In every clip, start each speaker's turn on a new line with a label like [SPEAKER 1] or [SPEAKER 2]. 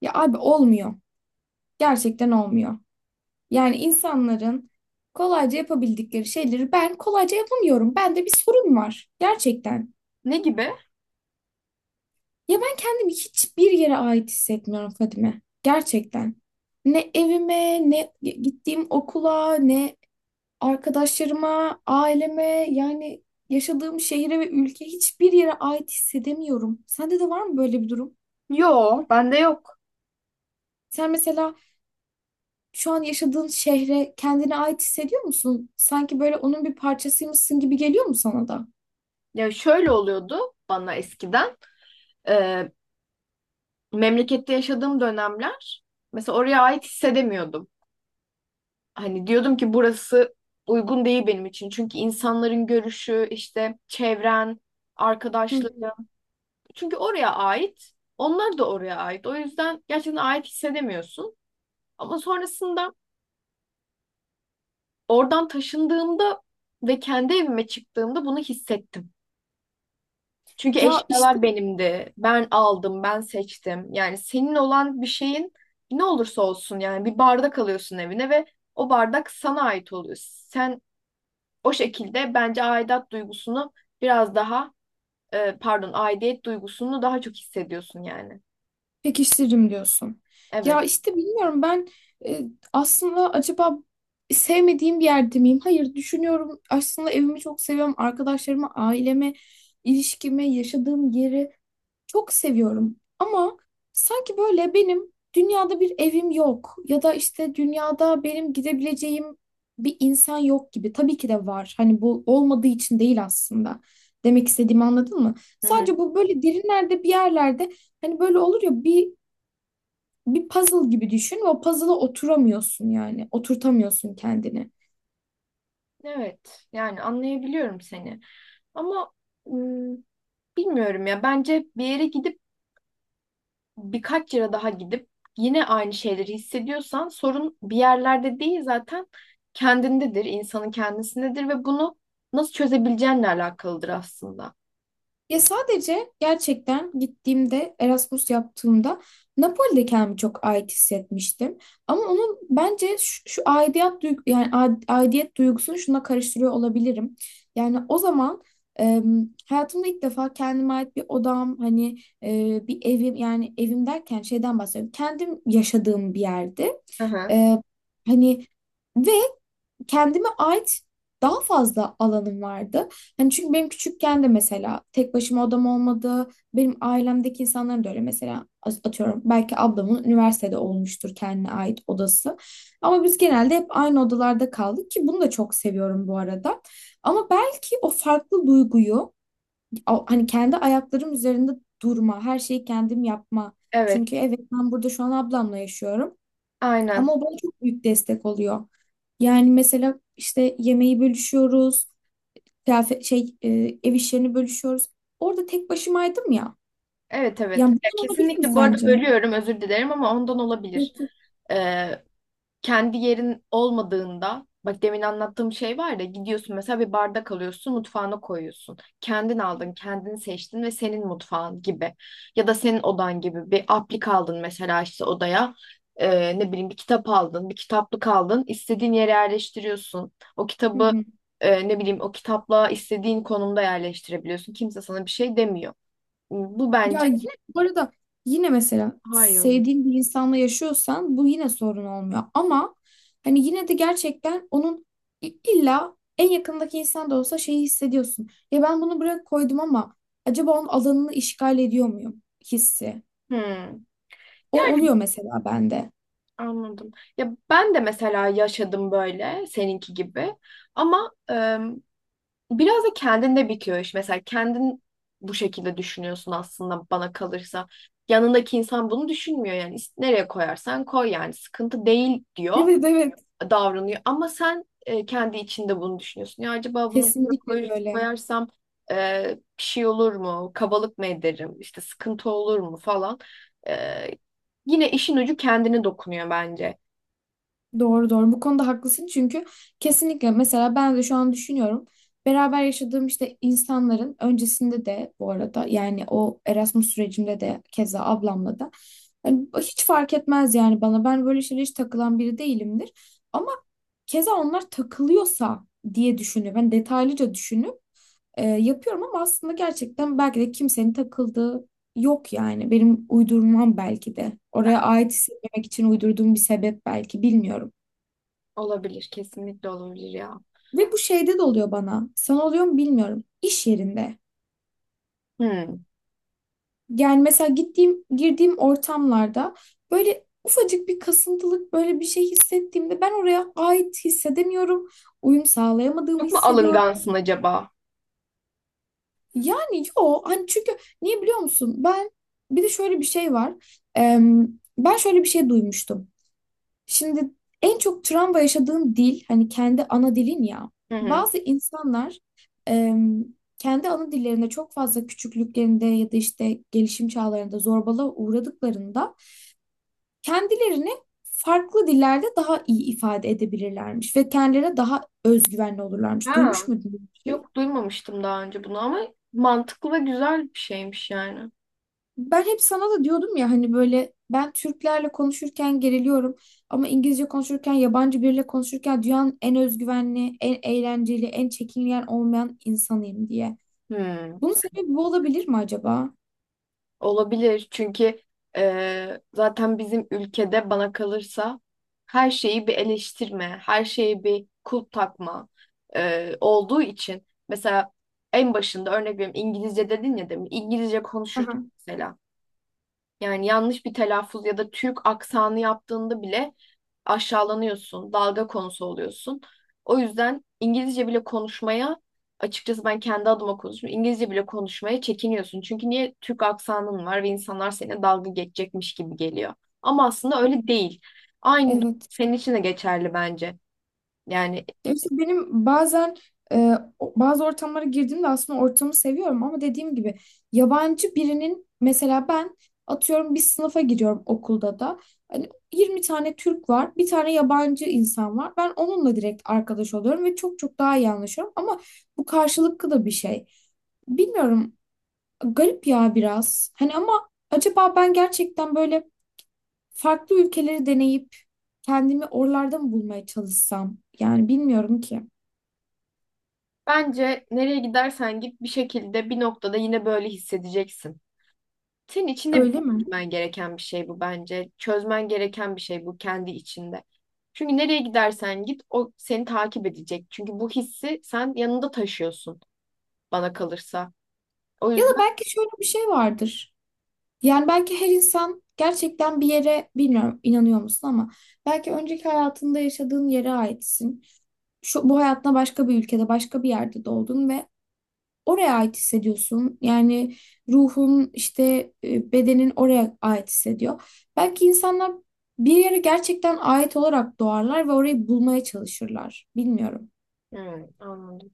[SPEAKER 1] Ya abi olmuyor. Gerçekten olmuyor. Yani insanların kolayca yapabildikleri şeyleri ben kolayca yapamıyorum. Bende bir sorun var. Gerçekten.
[SPEAKER 2] Ne gibi?
[SPEAKER 1] Ya ben kendimi hiçbir yere ait hissetmiyorum Fadime. Gerçekten. Ne evime, ne gittiğim okula, ne arkadaşlarıma, aileme, yani yaşadığım şehire ve ülke hiçbir yere ait hissedemiyorum. Sende de var mı böyle bir durum?
[SPEAKER 2] Yo, bende yok.
[SPEAKER 1] Sen mesela şu an yaşadığın şehre kendine ait hissediyor musun? Sanki böyle onun bir parçasıymışsın gibi geliyor mu sana da?
[SPEAKER 2] Ya şöyle oluyordu bana eskiden. Ee, memlekette yaşadığım dönemler mesela oraya ait hissedemiyordum. Hani diyordum ki burası uygun değil benim için. Çünkü insanların görüşü, işte çevren,
[SPEAKER 1] Hı hı.
[SPEAKER 2] arkadaşları. Çünkü oraya ait, onlar da oraya ait. O yüzden gerçekten ait hissedemiyorsun. Ama sonrasında oradan taşındığımda ve kendi evime çıktığımda bunu hissettim. Çünkü
[SPEAKER 1] Ya işte
[SPEAKER 2] eşyalar benimdi. Ben aldım, ben seçtim. Yani senin olan bir şeyin ne olursa olsun yani bir bardak alıyorsun evine ve o bardak sana ait oluyor. Sen o şekilde bence aidat duygusunu biraz daha pardon, aidiyet duygusunu daha çok hissediyorsun yani.
[SPEAKER 1] pekiştiririm diyorsun. Ya
[SPEAKER 2] Evet.
[SPEAKER 1] işte bilmiyorum ben, e, aslında acaba sevmediğim bir yerde miyim? Hayır düşünüyorum. Aslında evimi çok seviyorum. Arkadaşlarımı, ailemi, ilişkimi, yaşadığım yeri. Çok seviyorum ama sanki böyle benim dünyada bir evim yok ya da işte dünyada benim gidebileceğim bir insan yok gibi. Tabii ki de var. Hani bu olmadığı için değil aslında. Demek istediğimi anladın mı?
[SPEAKER 2] Hı hı.
[SPEAKER 1] Sadece bu böyle derinlerde bir yerlerde hani böyle olur ya bir puzzle gibi düşün ve o puzzle'a oturamıyorsun yani. Oturtamıyorsun kendini.
[SPEAKER 2] Evet. Yani anlayabiliyorum seni. Ama ım, bilmiyorum ya. Bence bir yere gidip birkaç yere daha gidip yine aynı şeyleri hissediyorsan sorun bir yerlerde değil zaten kendindedir, insanın kendisindedir ve bunu nasıl çözebileceğinle alakalıdır aslında.
[SPEAKER 1] Ya sadece gerçekten gittiğimde Erasmus yaptığımda Napoli'de kendimi çok ait hissetmiştim. Ama onun bence şu aidiyet duygu yani aidiyet duygusunu şuna karıştırıyor olabilirim. Yani o zaman, e, hayatımda ilk defa kendime ait bir odam hani, bir evim yani evim derken şeyden bahsediyorum. Kendim yaşadığım bir yerde.
[SPEAKER 2] Hı hı.
[SPEAKER 1] E, Hani ve kendime ait daha fazla alanım vardı. Hani çünkü benim küçükken de mesela tek başıma odam olmadı. Benim ailemdeki insanların da öyle mesela atıyorum belki ablamın üniversitede olmuştur kendine ait odası. Ama biz genelde hep aynı odalarda kaldık ki bunu da çok seviyorum bu arada. Ama belki o farklı duyguyu hani kendi ayaklarım üzerinde durma, her şeyi kendim yapma. Çünkü
[SPEAKER 2] Evet,
[SPEAKER 1] evet ben burada şu an ablamla yaşıyorum
[SPEAKER 2] aynen.
[SPEAKER 1] ama o bana çok büyük destek oluyor. Yani mesela işte yemeği bölüşüyoruz, kıyafet şey, ev işlerini bölüşüyoruz. Orada tek başımaydım ya.
[SPEAKER 2] Evet, evet.
[SPEAKER 1] Yani
[SPEAKER 2] Ya
[SPEAKER 1] bunun olabilir mi
[SPEAKER 2] kesinlikle, bu arada
[SPEAKER 1] sence?
[SPEAKER 2] bölüyorum, özür dilerim ama ondan olabilir.
[SPEAKER 1] Yok.
[SPEAKER 2] Ee, kendi yerin olmadığında, bak demin anlattığım şey var ya, gidiyorsun mesela bir bardak alıyorsun, mutfağına koyuyorsun. Kendin aldın, kendini seçtin ve senin mutfağın gibi. Ya da senin odan gibi bir aplik aldın mesela işte odaya. Ne bileyim, bir kitap aldın, bir kitaplık aldın, istediğin yere yerleştiriyorsun. O
[SPEAKER 1] Hı
[SPEAKER 2] kitabı,
[SPEAKER 1] hı.
[SPEAKER 2] ne bileyim, o kitapla istediğin konumda yerleştirebiliyorsun. Kimse sana bir şey demiyor. Bu
[SPEAKER 1] Ya
[SPEAKER 2] bence
[SPEAKER 1] yine bu arada yine mesela
[SPEAKER 2] hayır.
[SPEAKER 1] sevdiğin bir insanla yaşıyorsan bu yine sorun olmuyor. Ama hani yine de gerçekten onun illa en yakındaki insan da olsa şeyi hissediyorsun. Ya ben bunu buraya koydum ama acaba onun alanını işgal ediyor muyum hissi?
[SPEAKER 2] Hmm.
[SPEAKER 1] O oluyor mesela bende.
[SPEAKER 2] Anladım. Ya ben de mesela yaşadım böyle seninki gibi. Ama biraz da kendinde bitiyor iş. Mesela kendin bu şekilde düşünüyorsun aslında, bana kalırsa. Yanındaki insan bunu düşünmüyor yani. Nereye koyarsan koy yani, sıkıntı değil diyor,
[SPEAKER 1] Evet, evet,
[SPEAKER 2] davranıyor. Ama sen kendi içinde bunu düşünüyorsun. Ya acaba bunu buraya
[SPEAKER 1] kesinlikle böyle.
[SPEAKER 2] koyarsam bir şey olur mu? Kabalık mı ederim? İşte sıkıntı olur mu falan. E, yine işin ucu kendine dokunuyor bence.
[SPEAKER 1] Doğru, doğru, bu konuda haklısın çünkü kesinlikle mesela ben de şu an düşünüyorum. Beraber yaşadığım işte insanların öncesinde de bu arada yani o Erasmus sürecimde de keza ablamla da hani hiç fark etmez yani bana, ben böyle şeylere hiç takılan biri değilimdir. Ama keza onlar takılıyorsa diye düşünüp ben detaylıca düşünüp, yapıyorum ama aslında gerçekten belki de kimsenin takıldığı yok yani. Benim uydurmam belki de.
[SPEAKER 2] Bak,
[SPEAKER 1] Oraya ait hissetmemek için uydurduğum bir sebep belki, bilmiyorum.
[SPEAKER 2] olabilir, kesinlikle olabilir ya.
[SPEAKER 1] Ve bu şeyde de oluyor bana. Sana oluyor mu bilmiyorum. İş yerinde.
[SPEAKER 2] Hmm.
[SPEAKER 1] Yani mesela gittiğim, girdiğim ortamlarda böyle ufacık bir kasıntılık böyle bir şey hissettiğimde ben oraya ait hissedemiyorum. Uyum sağlayamadığımı
[SPEAKER 2] Çok mu
[SPEAKER 1] hissediyorum.
[SPEAKER 2] alıngansın acaba?
[SPEAKER 1] Yani yo, hani çünkü niye biliyor musun? Ben bir de şöyle bir şey var. Em, Ben şöyle bir şey duymuştum. Şimdi en çok travma yaşadığın dil hani kendi ana dilin ya.
[SPEAKER 2] Hı hı.
[SPEAKER 1] Bazı insanlar, em, kendi ana dillerinde çok fazla küçüklüklerinde ya da işte gelişim çağlarında zorbalığa uğradıklarında kendilerini farklı dillerde daha iyi ifade edebilirlermiş ve kendilerine daha özgüvenli olurlarmış.
[SPEAKER 2] Ha.
[SPEAKER 1] Duymuş muydun bu şeyi?
[SPEAKER 2] Yok, duymamıştım daha önce bunu ama mantıklı ve güzel bir şeymiş yani.
[SPEAKER 1] Ben hep sana da diyordum ya hani böyle ben Türklerle konuşurken geriliyorum ama İngilizce konuşurken yabancı biriyle konuşurken dünyanın en özgüvenli, en eğlenceli, en çekingen olmayan insanıyım diye.
[SPEAKER 2] Hmm,
[SPEAKER 1] Bunun sebebi bu olabilir mi acaba?
[SPEAKER 2] olabilir çünkü zaten bizim ülkede, bana kalırsa, her şeyi bir eleştirme, her şeyi bir kulp takma olduğu için. Mesela en başında örnek veriyorum, İngilizce dedin ya demin, İngilizce konuşurken
[SPEAKER 1] Aha.
[SPEAKER 2] mesela yani yanlış bir telaffuz ya da Türk aksanı yaptığında bile aşağılanıyorsun, dalga konusu oluyorsun. O yüzden İngilizce bile konuşmaya, açıkçası ben kendi adıma konuşuyorum, İngilizce bile konuşmaya çekiniyorsun. Çünkü niye, Türk aksanın var ve insanlar seninle dalga geçecekmiş gibi geliyor. Ama aslında öyle değil. Aynı
[SPEAKER 1] Evet.
[SPEAKER 2] senin için de geçerli bence. Yani
[SPEAKER 1] Ya işte benim bazen, e, bazı ortamlara girdiğimde aslında ortamı seviyorum ama dediğim gibi yabancı birinin mesela ben atıyorum bir sınıfa giriyorum okulda da. Hani 20 tane Türk var, bir tane yabancı insan var. Ben onunla direkt arkadaş oluyorum ve çok çok daha iyi anlaşıyorum ama bu karşılıklı da bir şey. Bilmiyorum, garip ya biraz. Hani ama acaba ben gerçekten böyle farklı ülkeleri deneyip kendimi oralarda mı bulmaya çalışsam? Yani bilmiyorum ki.
[SPEAKER 2] bence nereye gidersen git, bir şekilde bir noktada yine böyle hissedeceksin. Senin içinde
[SPEAKER 1] Öyle mi?
[SPEAKER 2] çözmen gereken bir şey bu bence. Çözmen gereken bir şey bu, kendi içinde. Çünkü nereye gidersen git, o seni takip edecek. Çünkü bu hissi sen yanında taşıyorsun, bana kalırsa. O
[SPEAKER 1] Ya da
[SPEAKER 2] yüzden.
[SPEAKER 1] belki şöyle bir şey vardır. Yani belki her insan gerçekten bir yere, bilmiyorum inanıyor musun ama belki önceki hayatında yaşadığın yere aitsin. Şu, bu hayatına başka bir ülkede, başka bir yerde doğdun ve oraya ait hissediyorsun. Yani ruhun işte, bedenin oraya ait hissediyor. Belki insanlar bir yere gerçekten ait olarak doğarlar ve orayı bulmaya çalışırlar. Bilmiyorum.
[SPEAKER 2] Hmm, anladım.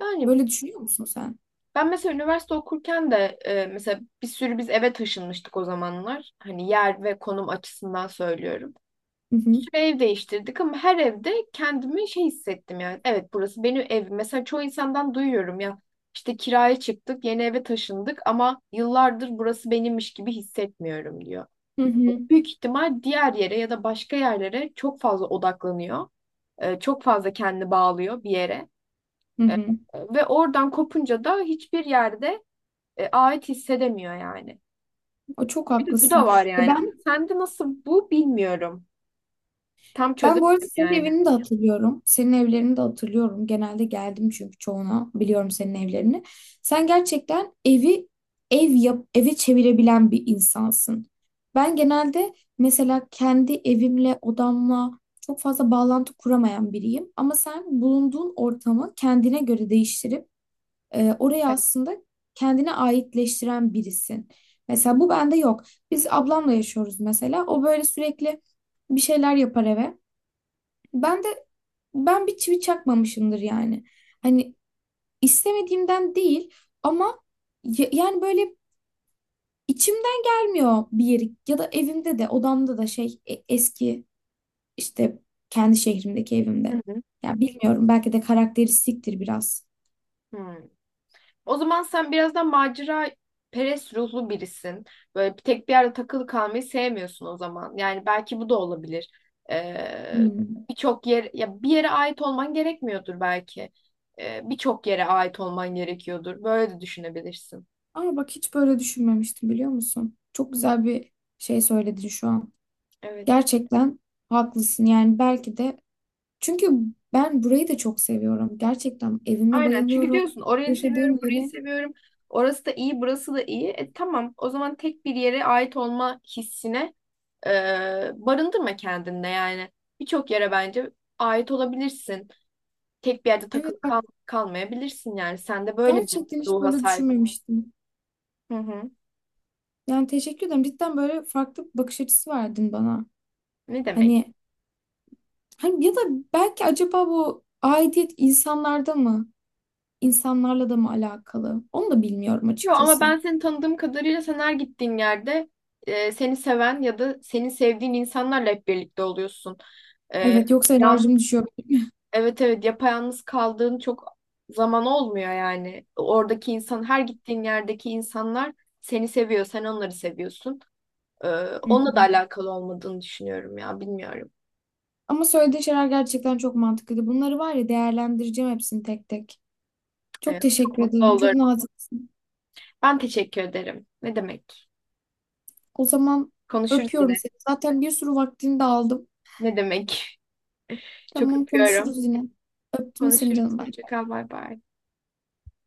[SPEAKER 2] Yani
[SPEAKER 1] Böyle düşünüyor musun sen?
[SPEAKER 2] ben mesela üniversite okurken de, mesela bir sürü biz eve taşınmıştık o zamanlar. Hani yer ve konum açısından söylüyorum.
[SPEAKER 1] Hı
[SPEAKER 2] Bir
[SPEAKER 1] hı.
[SPEAKER 2] sürü ev değiştirdik ama her evde kendimi şey hissettim yani. Evet, burası benim evim. Mesela çoğu insandan duyuyorum ya, işte kiraya çıktık, yeni eve taşındık ama yıllardır burası benimmiş gibi hissetmiyorum diyor.
[SPEAKER 1] Hı hı.
[SPEAKER 2] Büyük ihtimal diğer yere ya da başka yerlere çok fazla odaklanıyor. Çok fazla kendini bağlıyor bir yere.
[SPEAKER 1] Hı
[SPEAKER 2] Ee,
[SPEAKER 1] hı.
[SPEAKER 2] Ve oradan kopunca da hiçbir yerde ait hissedemiyor yani.
[SPEAKER 1] O, çok
[SPEAKER 2] Bir de bu da
[SPEAKER 1] haklısın.
[SPEAKER 2] var
[SPEAKER 1] E
[SPEAKER 2] yani. Ama
[SPEAKER 1] ben
[SPEAKER 2] sende nasıl bu, bilmiyorum. Tam
[SPEAKER 1] Ben bu arada
[SPEAKER 2] çözemedim
[SPEAKER 1] senin
[SPEAKER 2] yani.
[SPEAKER 1] evini de hatırlıyorum. Senin evlerini de hatırlıyorum. Genelde geldim çünkü çoğuna. Biliyorum senin evlerini. Sen gerçekten evi ev yap, eve çevirebilen bir insansın. Ben genelde mesela kendi evimle, odamla çok fazla bağlantı kuramayan biriyim. Ama sen bulunduğun ortamı kendine göre değiştirip, oraya aslında kendine aitleştiren birisin. Mesela bu bende yok. Biz ablamla yaşıyoruz mesela. O böyle sürekli bir şeyler yapar eve. Ben de ben bir çivi çakmamışımdır yani. Hani istemediğimden değil ama, yani böyle içimden gelmiyor bir yeri ya da evimde de odamda da şey, eski işte kendi şehrimdeki
[SPEAKER 2] Hı
[SPEAKER 1] evimde.
[SPEAKER 2] hı.
[SPEAKER 1] Ya bilmiyorum belki de karakteristiktir biraz.
[SPEAKER 2] Hı. O zaman sen biraz da macera perest ruhlu birisin. Böyle bir tek bir yerde takılı kalmayı sevmiyorsun o zaman. Yani belki bu da olabilir. Ee,
[SPEAKER 1] Hmm.
[SPEAKER 2] birçok yer, ya bir yere ait olman gerekmiyordur belki. Birçok yere ait olman gerekiyordur. Böyle de düşünebilirsin.
[SPEAKER 1] Aa bak, hiç böyle düşünmemiştim biliyor musun? Çok güzel bir şey söyledin şu an.
[SPEAKER 2] Evet.
[SPEAKER 1] Gerçekten haklısın yani belki de, çünkü ben burayı da çok seviyorum. Gerçekten evime
[SPEAKER 2] Aynen. Çünkü
[SPEAKER 1] bayılıyorum.
[SPEAKER 2] diyorsun orayı
[SPEAKER 1] Yaşadığım
[SPEAKER 2] seviyorum, burayı
[SPEAKER 1] yere.
[SPEAKER 2] seviyorum. Orası da iyi, burası da iyi. E, tamam. O zaman tek bir yere ait olma hissine e, barındırma kendinde yani. Birçok yere bence ait olabilirsin. Tek bir yerde takılı
[SPEAKER 1] Evet bak,
[SPEAKER 2] kalmayabilirsin yani. Sen de böyle bir
[SPEAKER 1] gerçekten hiç
[SPEAKER 2] ruha
[SPEAKER 1] böyle
[SPEAKER 2] sahip.
[SPEAKER 1] düşünmemiştim.
[SPEAKER 2] Hı hı.
[SPEAKER 1] Yani teşekkür ederim. Cidden böyle farklı bir bakış açısı verdin bana.
[SPEAKER 2] Ne demek?
[SPEAKER 1] Hani, hani ya da belki acaba bu aidiyet insanlarda mı? İnsanlarla da mı alakalı? Onu da bilmiyorum
[SPEAKER 2] Yo, ama
[SPEAKER 1] açıkçası.
[SPEAKER 2] ben seni tanıdığım kadarıyla, sen her gittiğin yerde seni seven ya da seni sevdiğin insanlarla hep birlikte oluyorsun. E,
[SPEAKER 1] Evet, yoksa
[SPEAKER 2] yan,
[SPEAKER 1] enerjim düşüyor benim.
[SPEAKER 2] evet, evet, yapayalnız kaldığın çok zaman olmuyor yani. Oradaki insan, her gittiğin yerdeki insanlar seni seviyor. Sen onları seviyorsun. E,
[SPEAKER 1] Hı
[SPEAKER 2] onunla da
[SPEAKER 1] hı.
[SPEAKER 2] alakalı olmadığını düşünüyorum ya, bilmiyorum.
[SPEAKER 1] Ama söylediğin şeyler gerçekten çok mantıklıydı. Bunları var ya değerlendireceğim hepsini tek tek. Çok
[SPEAKER 2] Evet, çok
[SPEAKER 1] teşekkür
[SPEAKER 2] mutlu
[SPEAKER 1] ederim. Çok
[SPEAKER 2] olurum.
[SPEAKER 1] naziksin.
[SPEAKER 2] Ben teşekkür ederim. Ne demek?
[SPEAKER 1] O zaman
[SPEAKER 2] Konuşuruz
[SPEAKER 1] öpüyorum
[SPEAKER 2] yine.
[SPEAKER 1] seni. Zaten bir sürü vaktini de aldım.
[SPEAKER 2] Ne demek? Çok
[SPEAKER 1] Tamam, konuşuruz
[SPEAKER 2] öpüyorum.
[SPEAKER 1] yine. Öptüm seni
[SPEAKER 2] Konuşuruz.
[SPEAKER 1] canım. Bay.
[SPEAKER 2] Hoşça kal. Bay bay.